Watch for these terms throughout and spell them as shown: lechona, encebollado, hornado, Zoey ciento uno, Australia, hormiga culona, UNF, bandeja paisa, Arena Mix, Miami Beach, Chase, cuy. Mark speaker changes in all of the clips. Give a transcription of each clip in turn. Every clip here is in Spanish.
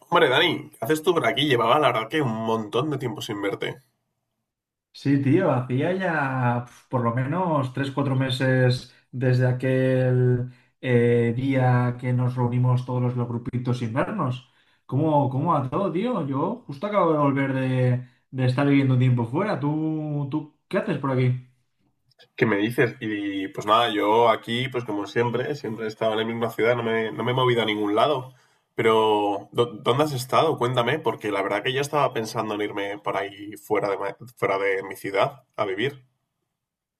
Speaker 1: Hombre, Dani, ¿qué haces tú por aquí? Llevaba la verdad que un montón de tiempo sin verte.
Speaker 2: Sí, tío, hacía ya por lo menos tres, cuatro meses desde aquel día que nos reunimos todos los grupitos sin vernos. ¿Cómo va todo, tío? Yo justo acabo de volver de estar viviendo un tiempo fuera. ¿Tú qué haces por aquí?
Speaker 1: ¿Qué me dices? Y pues nada, yo aquí, pues como siempre, siempre he estado en la misma ciudad, no me he movido a ningún lado. Pero, ¿dónde has estado? Cuéntame, porque la verdad que yo estaba pensando en irme por ahí fuera de, fuera de mi ciudad a vivir.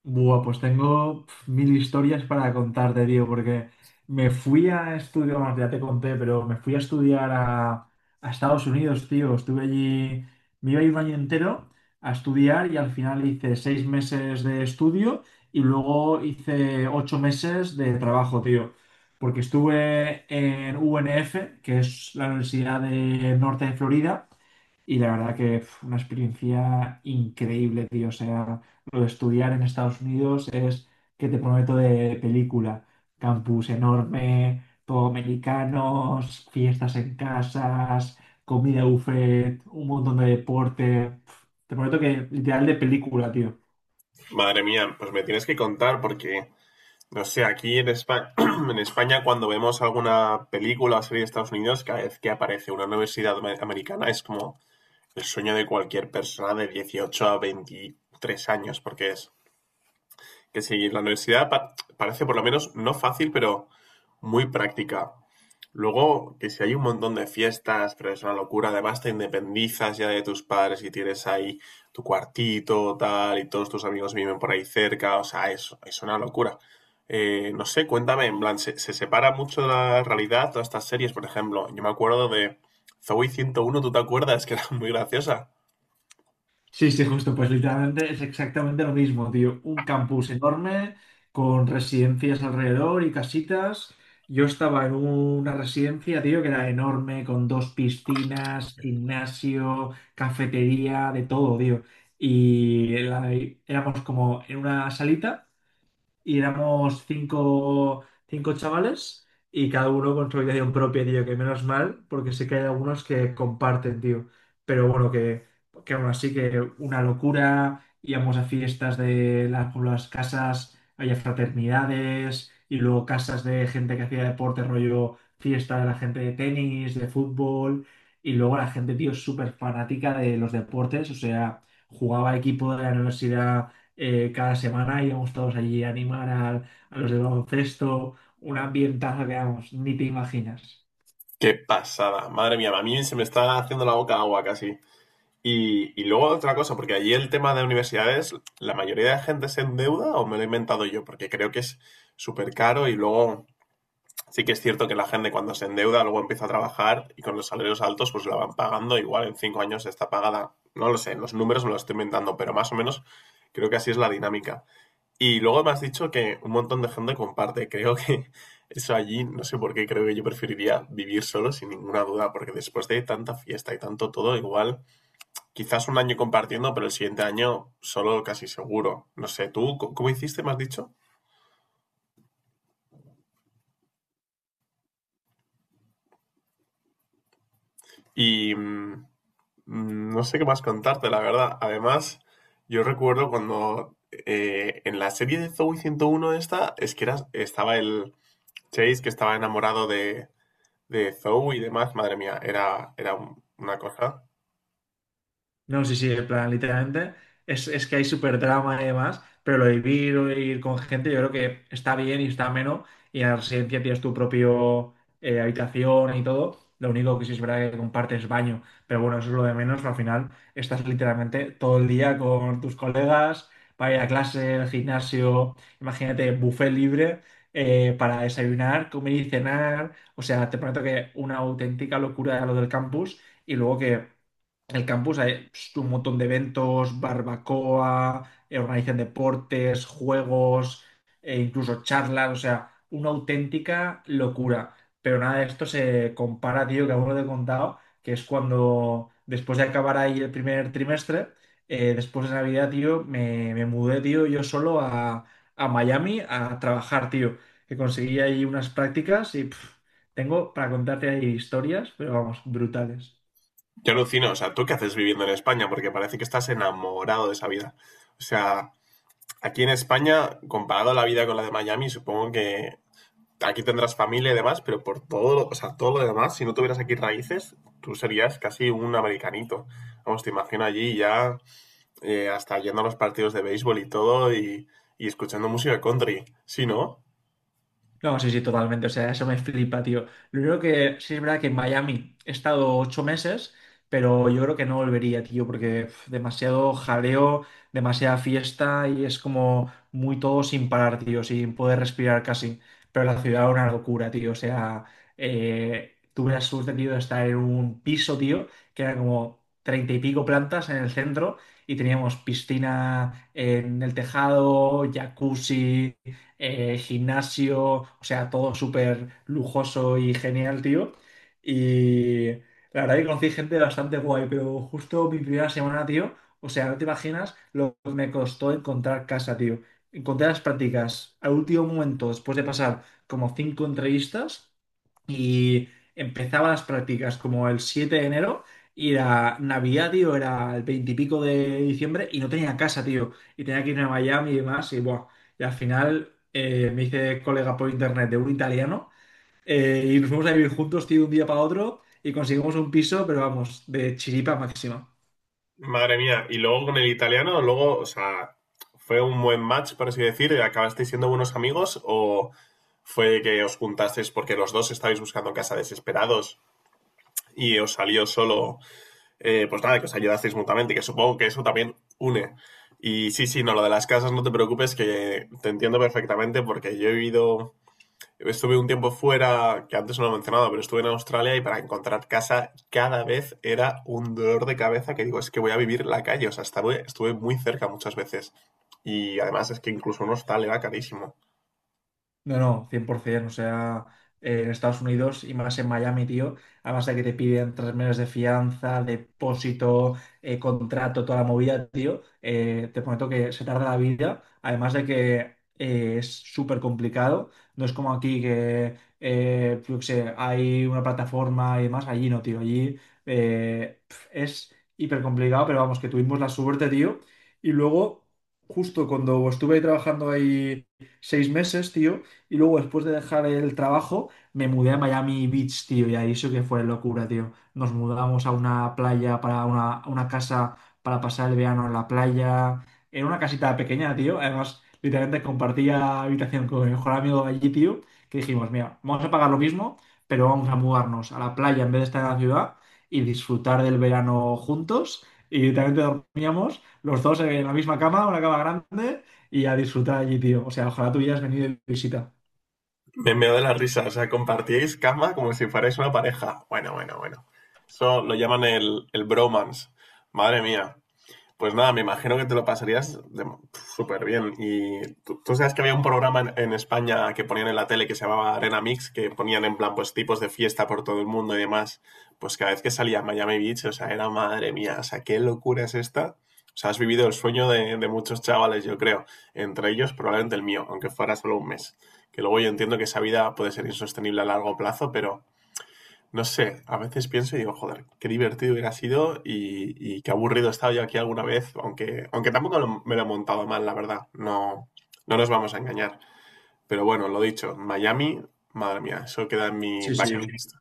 Speaker 2: Buah, pues tengo mil historias para contarte, tío, porque me fui a estudiar, bueno, ya te conté, pero me fui a estudiar a Estados Unidos, tío. Estuve allí, me iba a ir un año entero a estudiar y al final hice 6 meses de estudio y luego hice 8 meses de trabajo, tío. Porque estuve en UNF, que es la Universidad de Norte de Florida, y la verdad que fue una experiencia increíble, tío. O sea, lo de estudiar en Estados Unidos es que te prometo de película. Campus enorme, todo americanos, fiestas en casas, comida buffet, un montón de deporte. Te prometo que literal de película, tío.
Speaker 1: Madre mía, pues me tienes que contar porque, no sé, aquí en España, en España cuando vemos alguna película o serie de Estados Unidos, cada vez que aparece una universidad americana es como el sueño de cualquier persona de 18 a 23 años, porque es que si la universidad parece por lo menos no fácil, pero muy práctica. Luego, que si hay un montón de fiestas, pero es una locura, además te independizas ya de tus padres y tienes ahí tu cuartito, tal, y todos tus amigos viven por ahí cerca, o sea, es una locura. No sé, cuéntame, en plan, ¿ se separa mucho de la realidad todas estas series? Por ejemplo, yo me acuerdo de Zoey 101, ¿tú te acuerdas? Que era muy graciosa.
Speaker 2: Sí, sí, justo, pues literalmente es exactamente lo mismo, tío. Un campus enorme con residencias alrededor y casitas. Yo estaba en una residencia, tío, que era enorme, con 2 piscinas, gimnasio, cafetería, de todo, tío. Y éramos como en una salita y éramos cinco, cinco chavales y cada uno con su habitación propia, tío, que menos mal, porque sé que hay algunos que comparten, tío. Pero bueno, que aún así que una locura, íbamos a fiestas de por las casas, había fraternidades y luego casas de gente que hacía deporte, rollo fiesta de la gente de tenis, de fútbol. Y luego la gente, tío, súper fanática de los deportes, o sea, jugaba equipo de la universidad cada semana íbamos todos allí a animar a los del baloncesto, un ambientazo que, vamos, ni te imaginas.
Speaker 1: Qué pasada, madre mía, a mí se me está haciendo la boca agua casi. Y luego otra cosa, porque allí el tema de universidades, ¿la mayoría de gente se endeuda o me lo he inventado yo? Porque creo que es súper caro y luego sí que es cierto que la gente cuando se endeuda luego empieza a trabajar y con los salarios altos pues la van pagando, igual en 5 años está pagada, no lo sé, los números me los estoy inventando, pero más o menos creo que así es la dinámica. Y luego me has dicho que un montón de gente comparte. Creo que eso allí, no sé por qué, creo que yo preferiría vivir solo sin ninguna duda, porque después de tanta fiesta y tanto todo, igual, quizás un año compartiendo, pero el siguiente año solo casi seguro. No sé, ¿tú cómo hiciste? Me has dicho. Y no sé qué más contarte, la verdad. Además, yo recuerdo cuando en la serie de Zoey 101 esta, es que estaba el Chase que estaba enamorado de Zou y demás, madre mía, era una cosa.
Speaker 2: No, sí, sí, en plan, literalmente es que hay súper drama y demás, pero lo de vivir o ir con gente, yo creo que está bien y está ameno. Y en la residencia tienes tu propio habitación y todo. Lo único que sí es verdad que compartes baño, pero bueno, eso es lo de menos. Al final estás literalmente todo el día con tus colegas para ir a clase, al gimnasio, imagínate, buffet libre para desayunar, comer y cenar. O sea, te prometo que una auténtica locura lo del campus y luego que. En el campus hay un montón de eventos, barbacoa, organizan deportes, juegos, e incluso charlas, o sea, una auténtica locura. Pero nada de esto se compara, tío, que aún no te he contado, que es cuando, después de acabar ahí el primer trimestre, después de Navidad, tío, me mudé, tío, yo solo a Miami a trabajar, tío, que conseguí ahí unas prácticas y tengo para contarte ahí historias, pero vamos, brutales.
Speaker 1: Yo alucino, o sea, ¿tú qué haces viviendo en España? Porque parece que estás enamorado de esa vida. O sea, aquí en España, comparado a la vida con la de Miami, supongo que aquí tendrás familia y demás, pero por todo, o sea, todo lo demás, si no tuvieras aquí raíces, tú serías casi un americanito. Vamos, te imagino allí ya hasta yendo a los partidos de béisbol y todo y escuchando música country. Sí, ¿no?
Speaker 2: No, sí, sí, totalmente. O sea, eso me flipa, tío. Lo único que sí es verdad que en Miami he estado 8 meses, pero yo creo que no volvería, tío, porque uf, demasiado jaleo, demasiada fiesta y es como muy todo sin parar, tío, sin poder respirar casi. Pero la ciudad era una locura, tío. O sea, tuve la suerte, tío, de estar en un piso, tío, que era como 30 y pico plantas en el centro y teníamos piscina en el tejado, jacuzzi gimnasio, o sea, todo súper lujoso y genial, tío. Y la verdad que conocí gente bastante guay, pero justo mi primera semana, tío, o sea, no te imaginas lo que me costó encontrar casa, tío. Encontré las prácticas al último momento, después de pasar como 5 entrevistas. Y empezaba las prácticas como el 7 de enero y la Navidad, tío, era el 20 y pico de diciembre y no tenía casa, tío. Y tenía que irme a Miami y demás. Y, buah, y al final me hice colega por internet de un italiano y nos fuimos a vivir juntos, tío, de un día para otro y conseguimos un piso, pero vamos, de chiripa máxima.
Speaker 1: Madre mía, y luego con el italiano, luego, o sea, ¿fue un buen match, por así decir? ¿Acabasteis siendo buenos amigos o fue que os juntasteis porque los dos estabais buscando casa desesperados y os salió solo, pues nada, que os ayudasteis mutuamente, que supongo que eso también une. Y sí, sí, no, lo de las casas no te preocupes, que te entiendo perfectamente porque yo he vivido. Estuve un tiempo fuera, que antes no lo he mencionado, pero estuve en Australia y para encontrar casa cada vez era un dolor de cabeza que digo, es que voy a vivir en la calle, o sea, estuve muy cerca muchas veces. Y además es que incluso un hostal era carísimo.
Speaker 2: No, no, 100%. O sea, en Estados Unidos y más en Miami, tío, además de que te piden 3 meses de fianza, depósito, contrato, toda la movida, tío, te prometo que se tarda la vida. Además de que es súper complicado. No es como aquí que, yo qué sé, hay una plataforma y demás. Allí no, tío. Allí es hiper complicado, pero vamos, que tuvimos la suerte, tío. Y luego, justo cuando estuve trabajando ahí 6 meses, tío. Y luego, después de dejar el trabajo, me mudé a Miami Beach, tío, y ahí eso que fue locura, tío. Nos mudamos a una playa, a una casa para pasar el verano en la playa. Era una casita pequeña, tío. Además, literalmente compartía habitación con mi mejor amigo de allí, tío, que dijimos, mira, vamos a pagar lo mismo, pero vamos a mudarnos a la playa en vez de estar en la ciudad y disfrutar del verano juntos. Y literalmente dormíamos los dos en la misma cama, una cama grande, y a disfrutar allí, tío. O sea, ojalá tú hubieras venido de visita.
Speaker 1: Me meo de la risa, o sea, compartíais cama como si fuerais una pareja. Bueno, bueno, bueno. Eso lo llaman el bromance. Madre mía. Pues nada, me imagino que te lo pasarías súper bien. Y tú sabes que había un programa en España que ponían en la tele que se llamaba Arena Mix, que ponían en plan pues tipos de fiesta por todo el mundo y demás. Pues cada vez que salía a Miami Beach, o sea, era madre mía, o sea, qué locura es esta. O sea, has vivido el sueño de muchos chavales, yo creo. Entre ellos, probablemente el mío, aunque fuera solo un mes. Que luego yo entiendo que esa vida puede ser insostenible a largo plazo, pero no sé, a veces pienso y digo, joder, qué divertido hubiera sido y qué aburrido he estado yo aquí alguna vez, aunque tampoco me lo he montado mal, la verdad. No, no nos vamos a engañar. Pero bueno, lo dicho, Miami, madre mía, eso queda en mi
Speaker 2: Sí,
Speaker 1: bucket
Speaker 2: sí,
Speaker 1: list.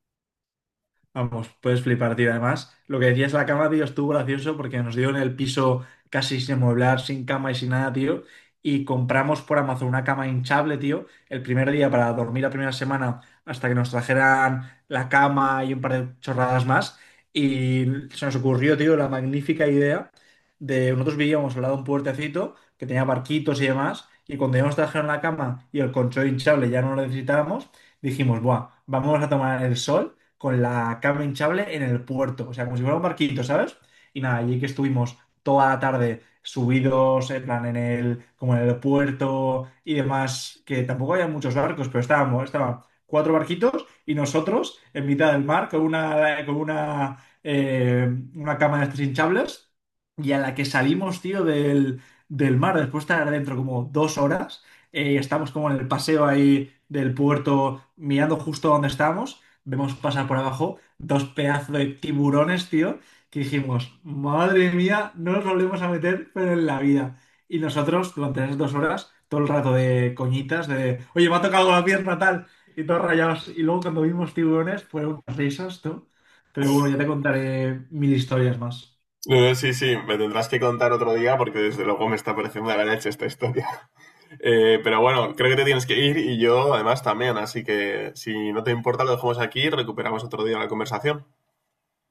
Speaker 2: vamos, puedes flipar, tío. Además, lo que decías, la cama, tío, estuvo gracioso porque nos dio en el piso casi sin amueblar, sin cama y sin nada, tío. Y compramos por Amazon una cama hinchable, tío, el primer día para dormir la primera semana hasta que nos trajeran la cama y un par de chorradas más. Y se nos ocurrió, tío, la magnífica idea de nosotros vivíamos al lado de un puertecito que tenía barquitos y demás. Y cuando ya nos trajeron la cama y el colchón hinchable ya no lo necesitábamos, dijimos, buah, vamos a tomar el sol con la cama hinchable en el puerto, o sea, como si fuera un barquito, ¿sabes? Y nada, allí que estuvimos toda la tarde subidos, en plan, como en el puerto y demás, que tampoco había muchos barcos, pero estaban cuatro barquitos y nosotros en mitad del mar con una cama de estas hinchables y a la que salimos, tío, del mar, después de estar dentro como 2 horas, estamos como en el paseo ahí del puerto mirando justo donde estábamos. Vemos pasar por abajo dos pedazos de tiburones, tío, que dijimos, madre mía, no nos volvemos a meter, pero en la vida. Y nosotros, durante esas 2 horas, todo el rato de coñitas, de, oye, me ha tocado la pierna tal, y todos rayados. Y luego cuando vimos tiburones, fueron unas risas, tú. Pero bueno, ya te contaré mil historias más.
Speaker 1: No, no, sí, sí, me tendrás que contar otro día porque desde luego me está pareciendo de la leche esta historia. Pero bueno, creo que te tienes que ir y yo además también, así que si no te importa lo dejamos aquí y recuperamos otro día la conversación.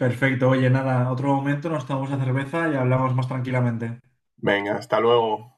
Speaker 2: Perfecto, oye, nada, otro momento nos tomamos la cerveza y hablamos más tranquilamente.
Speaker 1: Venga, hasta luego.